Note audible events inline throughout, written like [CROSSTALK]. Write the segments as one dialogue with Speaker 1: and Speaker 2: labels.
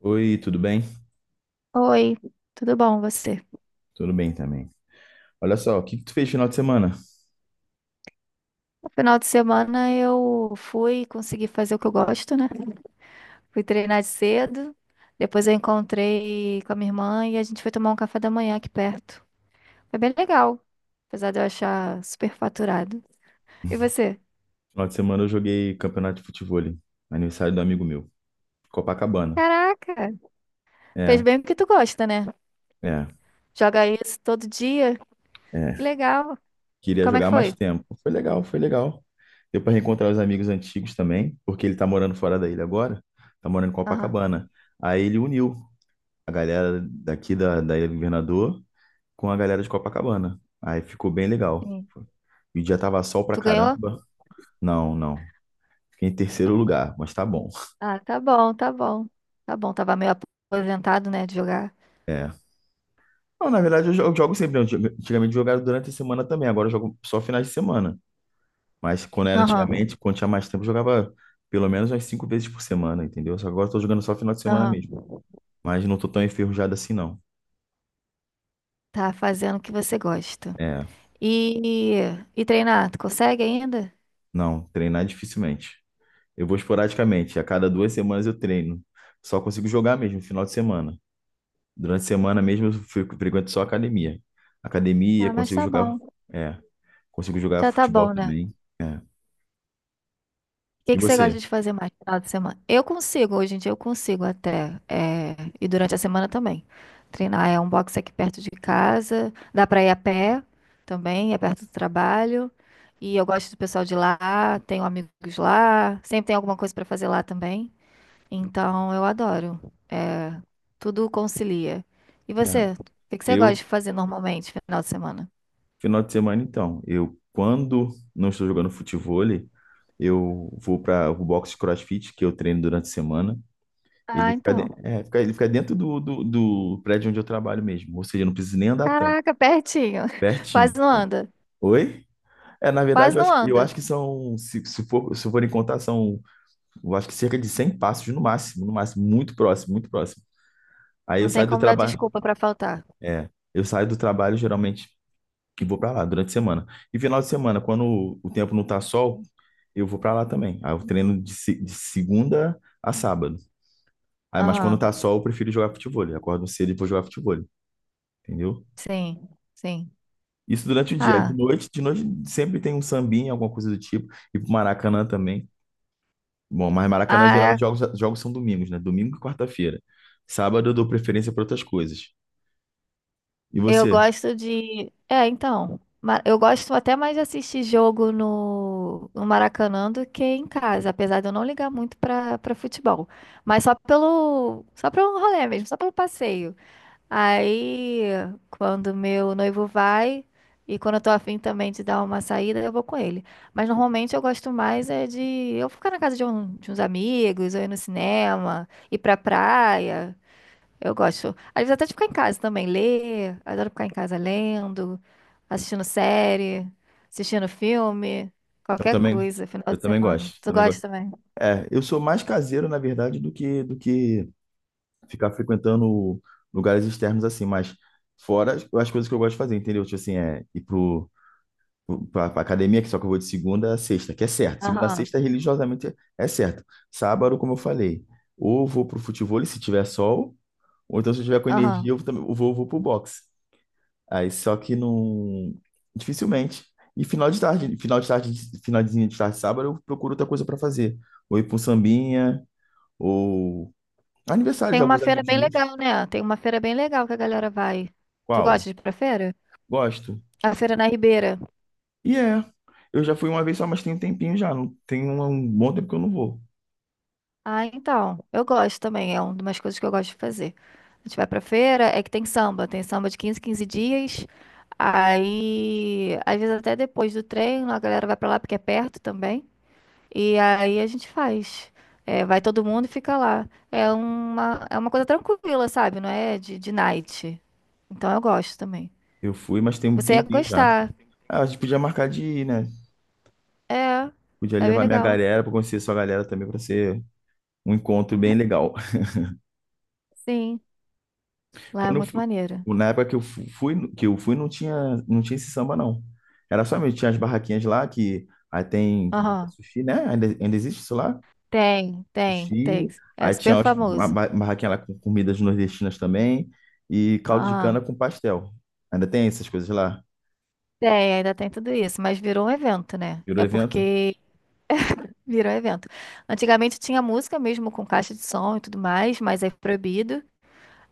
Speaker 1: Oi, tudo bem?
Speaker 2: Oi, tudo bom você?
Speaker 1: Tudo bem também. Olha só, o que que tu fez final de semana?
Speaker 2: No final de semana eu fui conseguir fazer o que eu gosto, né? Fui treinar de cedo, depois eu encontrei com a minha irmã e a gente foi tomar um café da manhã aqui perto. Foi bem legal, apesar de eu achar super faturado. E você?
Speaker 1: Final de semana eu joguei campeonato de futebol, aniversário do amigo meu, Copacabana.
Speaker 2: Caraca, fez
Speaker 1: É,
Speaker 2: bem porque tu gosta, né?
Speaker 1: é,
Speaker 2: Joga isso todo dia,
Speaker 1: é.
Speaker 2: que legal.
Speaker 1: Queria
Speaker 2: Como é que
Speaker 1: jogar mais
Speaker 2: foi?
Speaker 1: tempo. Foi legal, foi legal. Deu pra reencontrar os amigos antigos também, porque ele tá morando fora da ilha agora, tá morando em
Speaker 2: Aham,
Speaker 1: Copacabana. Aí ele uniu a galera daqui da Ilha do Governador com a galera de Copacabana. Aí ficou bem legal.
Speaker 2: sim.
Speaker 1: E o dia tava sol pra
Speaker 2: Tu ganhou?
Speaker 1: caramba. Não, não. Fiquei em terceiro lugar, mas tá bom.
Speaker 2: Ah, tá bom, tá bom. Tá bom, tava meio aposentado, né, de jogar.
Speaker 1: É. Não, na verdade, eu jogo sempre, né? Antigamente eu jogava durante a semana também, agora eu jogo só finais de semana. Mas quando era
Speaker 2: Aham,
Speaker 1: antigamente, quando tinha mais tempo, eu jogava pelo menos umas cinco vezes por semana, entendeu? Só que agora eu tô jogando só final de semana mesmo.
Speaker 2: aham.
Speaker 1: Mas não tô tão enferrujado assim, não.
Speaker 2: Tá fazendo o que você gosta.
Speaker 1: É,
Speaker 2: E, e treinar, tu consegue ainda?
Speaker 1: não, treinar dificilmente. Eu vou esporadicamente, a cada 2 semanas eu treino. Só consigo jogar mesmo, final de semana. Durante a semana mesmo frequento só academia. Academia,
Speaker 2: Ah, mas
Speaker 1: consigo
Speaker 2: tá
Speaker 1: jogar,
Speaker 2: bom.
Speaker 1: é, consigo jogar
Speaker 2: Já tá
Speaker 1: futebol
Speaker 2: bom, né?
Speaker 1: também. É.
Speaker 2: O que
Speaker 1: E
Speaker 2: que você
Speaker 1: você?
Speaker 2: gosta de fazer mais no final de semana? Eu consigo, hoje em dia eu consigo até. É, e durante a semana também. Treinar é um box aqui perto de casa. Dá pra ir a pé também, é perto do trabalho. E eu gosto do pessoal de lá, tenho amigos lá. Sempre tem alguma coisa pra fazer lá também. Então, eu adoro. É, tudo concilia. E
Speaker 1: É,
Speaker 2: você? O que que você gosta
Speaker 1: eu
Speaker 2: de fazer normalmente, no final de semana?
Speaker 1: Final de semana, então, eu quando não estou jogando futevôlei, eu vou para o box de CrossFit que eu treino durante a semana. Ele
Speaker 2: Ah,
Speaker 1: fica, de-
Speaker 2: então.
Speaker 1: é, fica- ele fica dentro do prédio onde eu trabalho mesmo, ou seja, eu não preciso nem andar tanto,
Speaker 2: Caraca, pertinho. [LAUGHS]
Speaker 1: pertinho.
Speaker 2: Quase não anda.
Speaker 1: Oi? É, na
Speaker 2: Quase
Speaker 1: verdade, eu
Speaker 2: não
Speaker 1: acho, eu
Speaker 2: anda.
Speaker 1: acho que são, se forem contar, são, eu acho que cerca de 100 passos no máximo, no máximo, muito próximo, muito próximo. Aí eu
Speaker 2: Não tem
Speaker 1: saio do
Speaker 2: como dar
Speaker 1: trabalho,
Speaker 2: desculpa pra faltar.
Speaker 1: é, eu saio do trabalho geralmente e vou para lá durante a semana. E final de semana, quando o tempo não tá sol, eu vou pra lá também. Aí eu treino de, se- de segunda a sábado. Aí, mas quando
Speaker 2: Aham.
Speaker 1: tá sol, eu prefiro jogar futevôlei. Acordo cedo e vou jogar futevôlei, entendeu?
Speaker 2: Sim, sim.
Speaker 1: Isso durante o dia. Aí De
Speaker 2: Ah,
Speaker 1: noite, de noite sempre tem um sambinha, alguma coisa do tipo. E pro Maracanã também. Bom, mas Maracanã
Speaker 2: ah,
Speaker 1: geralmente
Speaker 2: é.
Speaker 1: jogos são domingos, né? Domingo e quarta-feira. Sábado eu dou preferência pra outras coisas. E
Speaker 2: Eu
Speaker 1: você?
Speaker 2: gosto de. É, então. Eu gosto até mais de assistir jogo no Maracanã do que em casa, apesar de eu não ligar muito pra para futebol. Mas só pelo. Só pra um rolê mesmo, só pelo passeio. Aí, quando meu noivo vai, e quando eu tô afim também de dar uma saída, eu vou com ele. Mas normalmente eu gosto mais é de eu ficar na casa de uns amigos, ou ir no cinema, ir pra praia. Eu gosto. Às vezes até de ficar em casa também, ler. Adoro ficar em casa lendo, assistindo série, assistindo filme,
Speaker 1: Eu
Speaker 2: qualquer
Speaker 1: também,
Speaker 2: coisa, final
Speaker 1: eu
Speaker 2: de
Speaker 1: também
Speaker 2: semana.
Speaker 1: gosto,
Speaker 2: Tu
Speaker 1: também gosto.
Speaker 2: gosta também?
Speaker 1: É, eu sou mais caseiro, na verdade, do que ficar frequentando lugares externos assim, mas fora as coisas que eu gosto de fazer, entendeu? Tipo assim, é ir pra academia, que só que eu vou de segunda a sexta, que é certo. Segunda a
Speaker 2: Aham,
Speaker 1: sexta, religiosamente, é certo. Sábado, como eu falei, ou vou pro futebol, se tiver sol, ou então se eu tiver com
Speaker 2: aham.
Speaker 1: energia, eu também eu vou pro boxe. Aí, só que não... Dificilmente. E final de tarde, finalzinho de tarde, sábado, eu procuro outra coisa para fazer. Ou ir pra um sambinha, ou... Aniversário
Speaker 2: Tem
Speaker 1: de
Speaker 2: uma
Speaker 1: alguns
Speaker 2: feira
Speaker 1: amigos
Speaker 2: bem
Speaker 1: meus.
Speaker 2: legal, né? Tem uma feira bem legal que a galera vai. Tu gosta
Speaker 1: Qual?
Speaker 2: de ir pra feira?
Speaker 1: Gosto.
Speaker 2: A feira na Ribeira.
Speaker 1: E é. Eu já fui uma vez só, mas tem um tempinho já. Não, tem um bom tempo que eu não vou.
Speaker 2: Ah, então, eu gosto também, é uma das coisas que eu gosto de fazer. A gente vai pra feira, é que tem samba de quinze dias. Aí, às vezes até depois do treino, a galera vai pra lá porque é perto também. E aí a gente faz. É, vai todo mundo e fica lá. É uma coisa tranquila, sabe? Não é de night. Então eu gosto também.
Speaker 1: Eu fui, mas tem um
Speaker 2: Você ia
Speaker 1: tempinho já.
Speaker 2: gostar.
Speaker 1: Ah, a gente podia marcar de ir, né?
Speaker 2: É,
Speaker 1: Podia
Speaker 2: é bem
Speaker 1: levar minha
Speaker 2: legal.
Speaker 1: galera pra conhecer sua galera também, pra ser um encontro bem legal. [LAUGHS]
Speaker 2: Sim, lá é
Speaker 1: Quando eu
Speaker 2: muito
Speaker 1: fui,
Speaker 2: maneiro.
Speaker 1: na época que eu fui, não tinha esse samba, não. Era só mesmo, tinha as barraquinhas lá que aí tem
Speaker 2: Aham.
Speaker 1: sushi, né? Ainda existe isso lá?
Speaker 2: Tem, tem, tem.
Speaker 1: Sushi.
Speaker 2: É
Speaker 1: Aí tinha
Speaker 2: super
Speaker 1: as- uma
Speaker 2: famoso.
Speaker 1: ba- barraquinha lá com comidas nordestinas também e caldo de
Speaker 2: Ah,
Speaker 1: cana com pastel. Ainda tem essas coisas lá?
Speaker 2: tem, ainda tem tudo isso, mas virou um evento, né?
Speaker 1: Virou
Speaker 2: É
Speaker 1: evento?
Speaker 2: porque virou um evento. Antigamente tinha música mesmo com caixa de som e tudo mais, mas aí foi proibido.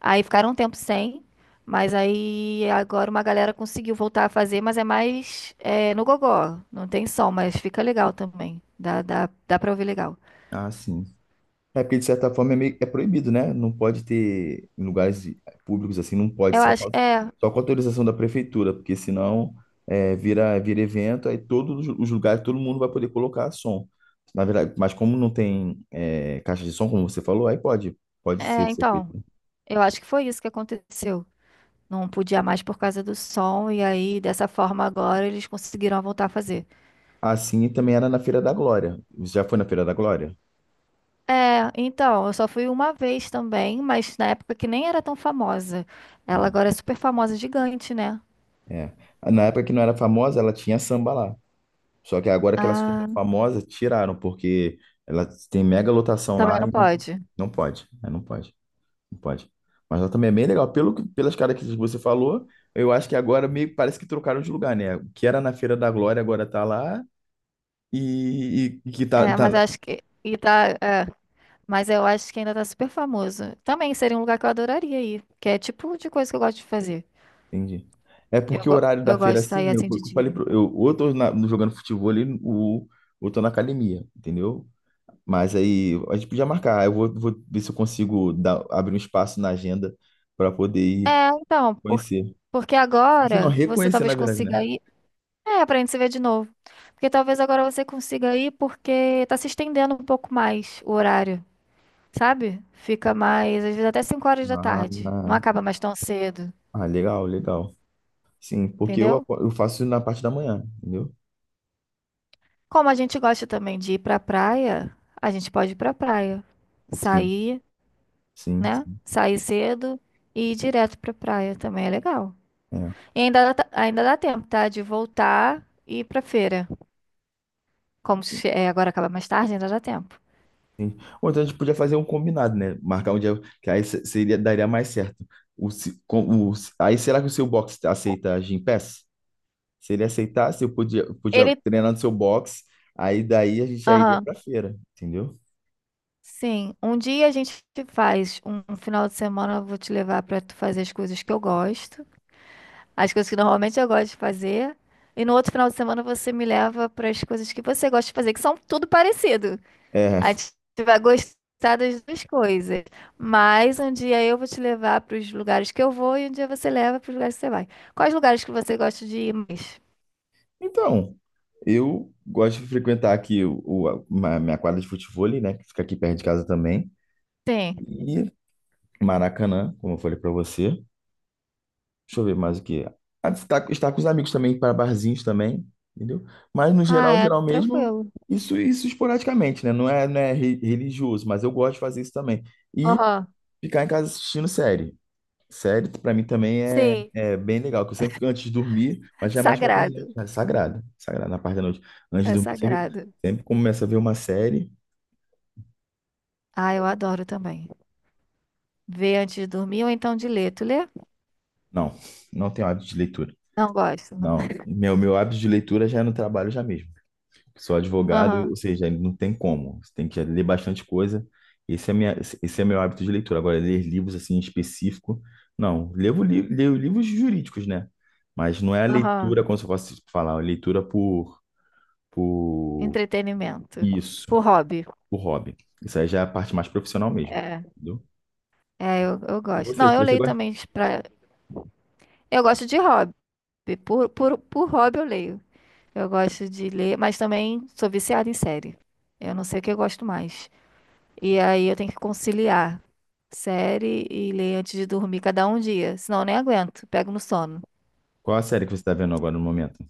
Speaker 2: Aí ficaram um tempo sem, mas aí agora uma galera conseguiu voltar a fazer, mas é mais é, no gogó. Não tem som, mas fica legal também. Dá pra ouvir legal.
Speaker 1: Ah, sim. É porque, de certa forma, é proibido, né? Não pode ter, em lugares públicos assim, não pode,
Speaker 2: Eu
Speaker 1: só com,
Speaker 2: acho,
Speaker 1: a-
Speaker 2: é,
Speaker 1: só com autorização da prefeitura, porque senão vira evento, aí todos os lugares, todo mundo vai poder colocar som. Na verdade, mas como não tem caixa de som, como você falou, aí pode
Speaker 2: é,
Speaker 1: ser feito.
Speaker 2: então, eu acho que foi isso que aconteceu. Não podia mais por causa do som, e aí dessa forma agora eles conseguiram voltar a fazer.
Speaker 1: Assim também era na Feira da Glória. Você já foi na Feira da Glória?
Speaker 2: É, então, eu só fui uma vez também, mas na época que nem era tão famosa. Ela
Speaker 1: Ah,
Speaker 2: agora é super famosa, gigante, né?
Speaker 1: é. Na época que não era famosa, ela tinha samba lá. Só que agora que ela se tornou
Speaker 2: Ah,
Speaker 1: famosa, tiraram, porque ela tem mega lotação
Speaker 2: também
Speaker 1: lá
Speaker 2: não
Speaker 1: e não,
Speaker 2: pode.
Speaker 1: não pode, né? Não pode, não pode. Mas ela também é bem legal. Pelas características que você falou, eu acho que agora meio que parece que trocaram de lugar, né? O que era na Feira da Glória agora tá lá e que tá,
Speaker 2: É,
Speaker 1: tá
Speaker 2: mas
Speaker 1: lá.
Speaker 2: acho que. E tá, é, mas eu acho que ainda tá super famoso. Também seria um lugar que eu adoraria ir, que é tipo de coisa que eu gosto de fazer.
Speaker 1: Entendi. É
Speaker 2: Eu,
Speaker 1: porque o
Speaker 2: go-
Speaker 1: horário da
Speaker 2: eu gosto
Speaker 1: feira,
Speaker 2: de
Speaker 1: assim,
Speaker 2: sair
Speaker 1: eu,
Speaker 2: assim
Speaker 1: eu
Speaker 2: de
Speaker 1: falei,
Speaker 2: dia.
Speaker 1: pro- eu, ou eu tô na- jogando futebol ali, ou, tô na academia, entendeu? Mas aí a gente podia marcar. Eu vou ver se eu consigo abrir um espaço na agenda para poder ir
Speaker 2: É, então, por-
Speaker 1: conhecer.
Speaker 2: porque
Speaker 1: Você não
Speaker 2: agora você
Speaker 1: reconhecer, na
Speaker 2: talvez
Speaker 1: verdade, né?
Speaker 2: consiga ir. É, pra gente se ver de novo. Porque talvez agora você consiga ir porque tá se estendendo um pouco mais o horário. Sabe? Fica mais, às vezes até cinco horas da
Speaker 1: Ah,
Speaker 2: tarde. Não
Speaker 1: ah,
Speaker 2: acaba mais tão cedo,
Speaker 1: ah, legal, legal. Sim, porque
Speaker 2: entendeu?
Speaker 1: eu faço na parte da manhã, entendeu?
Speaker 2: Como a gente gosta também de ir pra praia, a gente pode ir pra praia.
Speaker 1: Sim,
Speaker 2: Sair,
Speaker 1: sim,
Speaker 2: né?
Speaker 1: sim.
Speaker 2: Sair cedo e ir direto pra praia também é legal.
Speaker 1: É.
Speaker 2: E ainda dá tempo, tá? De voltar e ir pra feira. Como
Speaker 1: Sim,
Speaker 2: se- é, agora acaba mais tarde, ainda dá tempo.
Speaker 1: sim. Ou então a gente podia fazer um combinado, né? Marcar um dia, que aí seria, daria mais certo. O, se- com- o, se- Aí será que o seu box aceita Gympass? Se ele aceitasse, eu podia
Speaker 2: Ele.
Speaker 1: treinar no seu box, aí daí a gente já iria
Speaker 2: Aham.
Speaker 1: pra feira, entendeu?
Speaker 2: Sim, um dia a gente faz um final de semana, eu vou te levar pra tu fazer as coisas que eu gosto. As coisas que normalmente eu gosto de fazer. E no outro final de semana você me leva para as coisas que você gosta de fazer, que são tudo parecido.
Speaker 1: É.
Speaker 2: A gente vai gostar das duas coisas. Mas um dia eu vou te levar para os lugares que eu vou e um dia você leva para os lugares que você vai. Quais lugares que você gosta de ir mais?
Speaker 1: Então, eu gosto de frequentar aqui minha quadra de futevôlei, né? Que fica aqui perto de casa também.
Speaker 2: Sim.
Speaker 1: E Maracanã, como eu falei pra você. Deixa eu ver mais o que. Ah, estar com os amigos também, para barzinhos também, entendeu? Mas no
Speaker 2: Ah,
Speaker 1: geral,
Speaker 2: é
Speaker 1: geral mesmo,
Speaker 2: tranquilo.
Speaker 1: isso esporadicamente, né? Não é religioso, mas eu gosto de fazer isso também. E
Speaker 2: Aham.
Speaker 1: ficar em casa assistindo série. Série, pra mim também é,
Speaker 2: Sim.
Speaker 1: é bem legal, que eu sempre fico antes de dormir, mas já é mais pra parte da noite,
Speaker 2: Sagrado.
Speaker 1: né? Sagrada sagrado, na parte da noite. Antes de
Speaker 2: É
Speaker 1: dormir, sempre,
Speaker 2: sagrado.
Speaker 1: sempre começo a ver uma série.
Speaker 2: Ah, eu adoro também. Ver antes de dormir ou então de ler. Tu lê?
Speaker 1: Não, não tenho hábito de leitura.
Speaker 2: Não gosto, não.
Speaker 1: Não, meu hábito de leitura já é no trabalho já mesmo. Sou advogado,
Speaker 2: Aham.
Speaker 1: ou seja, não tem como. Você tem que ler bastante coisa. Esse é minha, Esse é meu hábito de leitura. Agora, ler livros assim em específico, não. Leio livros jurídicos, né? Mas não é a
Speaker 2: Aham.
Speaker 1: leitura, como se eu fosse falar, a leitura por...
Speaker 2: Entretenimento.
Speaker 1: Isso,
Speaker 2: Por hobby.
Speaker 1: o hobby. Isso aí já é a parte mais profissional mesmo.
Speaker 2: É,
Speaker 1: Entendeu?
Speaker 2: é, eu
Speaker 1: E
Speaker 2: gosto.
Speaker 1: você,
Speaker 2: Não, eu
Speaker 1: você
Speaker 2: leio
Speaker 1: gosta?
Speaker 2: também pra... Eu gosto de hobby. Por hobby eu leio. Eu gosto de ler, mas também sou viciada em série. Eu não sei o que eu gosto mais. E aí eu tenho que conciliar série e ler antes de dormir cada um dia. Senão eu nem aguento. Pego no sono.
Speaker 1: Qual a série que você está vendo agora no momento?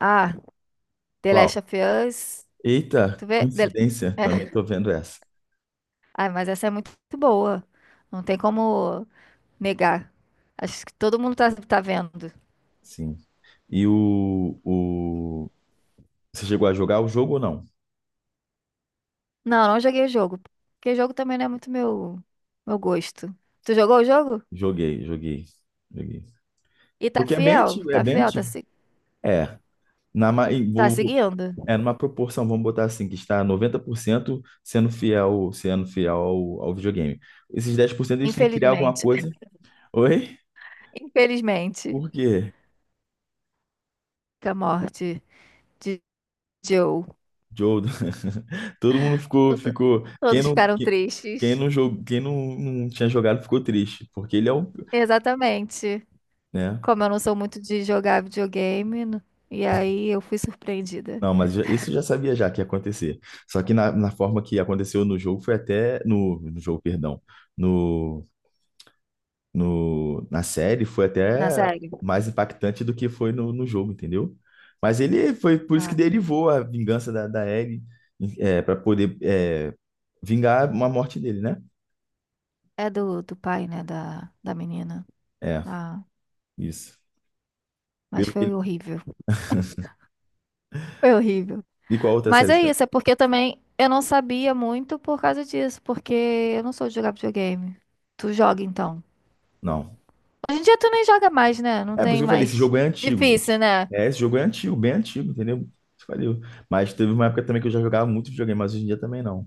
Speaker 2: Ah, The
Speaker 1: Qual?
Speaker 2: Last of Us. Tu
Speaker 1: Eita,
Speaker 2: vê?
Speaker 1: coincidência, também estou vendo essa.
Speaker 2: Ai, mas essa é muito boa. Não tem como negar. Acho que todo mundo tá vendo.
Speaker 1: Sim. E o... Você chegou a jogar o jogo ou não?
Speaker 2: Não, não joguei o jogo. Porque jogo também não é muito meu gosto. Tu jogou o jogo?
Speaker 1: Joguei, joguei, joguei.
Speaker 2: E tá
Speaker 1: Porque é bem
Speaker 2: fiel?
Speaker 1: antigo, é
Speaker 2: Tá
Speaker 1: bem
Speaker 2: fiel? Tá,
Speaker 1: antigo.
Speaker 2: se-
Speaker 1: É, na, ma- em-
Speaker 2: tá
Speaker 1: vou- vou-
Speaker 2: seguindo?
Speaker 1: é numa proporção, vamos botar assim, que está 90% sendo fiel ao videogame. Esses 10% eles têm que criar alguma
Speaker 2: Infelizmente.
Speaker 1: coisa.
Speaker 2: [LAUGHS]
Speaker 1: Oi?
Speaker 2: Infelizmente.
Speaker 1: Por quê?
Speaker 2: Com a morte de Joe.
Speaker 1: Joe, [LAUGHS] todo mundo ficou,
Speaker 2: Todo-
Speaker 1: ficou, quem
Speaker 2: Todos
Speaker 1: não,
Speaker 2: ficaram tristes.
Speaker 1: quem, não jogou, quem não, não tinha jogado ficou triste, porque ele é o,
Speaker 2: Exatamente.
Speaker 1: né?
Speaker 2: Como eu não sou muito de jogar videogame, e aí eu fui surpreendida.
Speaker 1: Não, mas isso eu já sabia já que ia acontecer. Só que na forma que aconteceu no jogo foi até no jogo, perdão, no, no na série foi
Speaker 2: Na
Speaker 1: até
Speaker 2: série?
Speaker 1: mais impactante do que foi no jogo, entendeu? Mas ele foi por isso que
Speaker 2: Ah,
Speaker 1: derivou a vingança da Ellie, para poder vingar uma morte dele, né?
Speaker 2: é do pai, né? Da menina.
Speaker 1: É,
Speaker 2: Ah,
Speaker 1: isso.
Speaker 2: mas
Speaker 1: Pelo que
Speaker 2: foi horrível. Foi horrível.
Speaker 1: De qual outra
Speaker 2: Mas
Speaker 1: série você
Speaker 2: é
Speaker 1: tá?
Speaker 2: isso, é porque também eu não sabia muito por causa disso, porque eu não sou de jogar videogame. Tu joga então.
Speaker 1: Não.
Speaker 2: Hoje em dia tu nem joga mais, né? Não
Speaker 1: É por isso
Speaker 2: tem
Speaker 1: que eu falei, esse
Speaker 2: mais.
Speaker 1: jogo é antigo. Esse-
Speaker 2: Difícil, né?
Speaker 1: É, esse jogo é antigo, bem antigo, entendeu? Isso valeu. Mas teve uma época também que eu já jogava muito videogame, mas hoje em dia também não.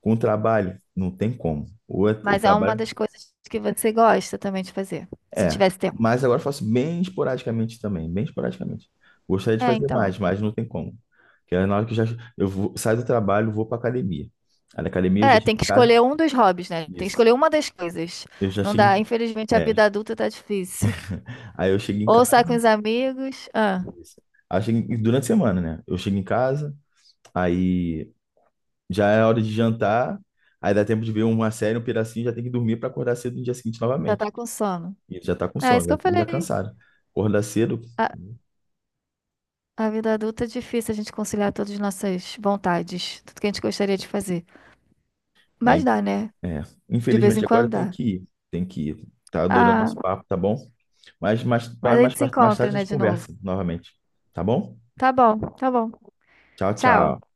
Speaker 1: Com o trabalho, não tem como. Ou eu
Speaker 2: Mas é uma
Speaker 1: trabalho.
Speaker 2: das coisas que você gosta também de fazer, se
Speaker 1: É.
Speaker 2: tivesse tempo.
Speaker 1: Mas agora eu faço bem esporadicamente também, bem esporadicamente. Gostaria de
Speaker 2: É,
Speaker 1: fazer
Speaker 2: então.
Speaker 1: mais, mas não tem como. Porque na hora que eu já eu vou- saio do trabalho, vou pra academia. Aí na academia eu já
Speaker 2: É,
Speaker 1: chego
Speaker 2: tem
Speaker 1: em
Speaker 2: que
Speaker 1: casa.
Speaker 2: escolher um dos hobbies, né? Tem que
Speaker 1: Isso.
Speaker 2: escolher uma das coisas.
Speaker 1: Eu já
Speaker 2: Não dá,
Speaker 1: chego.
Speaker 2: infelizmente
Speaker 1: Em-
Speaker 2: a vida
Speaker 1: É.
Speaker 2: adulta tá difícil.
Speaker 1: Aí eu chego em
Speaker 2: Ou
Speaker 1: casa.
Speaker 2: sai com os amigos, ah,
Speaker 1: Isso. Aí eu chego durante a semana, né? Eu chego em casa. Aí já é hora de jantar, aí dá tempo de ver uma série, um pedacinho, já tem que dormir para acordar cedo no dia seguinte
Speaker 2: já
Speaker 1: novamente.
Speaker 2: tá com sono.
Speaker 1: E ele já tá com
Speaker 2: É isso
Speaker 1: sono,
Speaker 2: que
Speaker 1: já,
Speaker 2: eu
Speaker 1: já
Speaker 2: falei.
Speaker 1: cansado. Acordar cedo,
Speaker 2: Ah, a vida adulta é difícil a gente conciliar todas as nossas vontades, tudo que a gente gostaria de fazer. Mas
Speaker 1: né?
Speaker 2: dá, né?
Speaker 1: É.
Speaker 2: De vez em
Speaker 1: Infelizmente agora
Speaker 2: quando
Speaker 1: tem
Speaker 2: dá.
Speaker 1: que ir, tem que ir. Tá adorando
Speaker 2: Ah,
Speaker 1: nosso papo, tá bom? Mas mais,
Speaker 2: mas a
Speaker 1: mais,
Speaker 2: gente se
Speaker 1: mais, mais
Speaker 2: encontra,
Speaker 1: tarde a
Speaker 2: né,
Speaker 1: gente
Speaker 2: de novo.
Speaker 1: conversa novamente, tá bom?
Speaker 2: Tá bom, tá bom.
Speaker 1: Tchau, tchau.
Speaker 2: Tchau.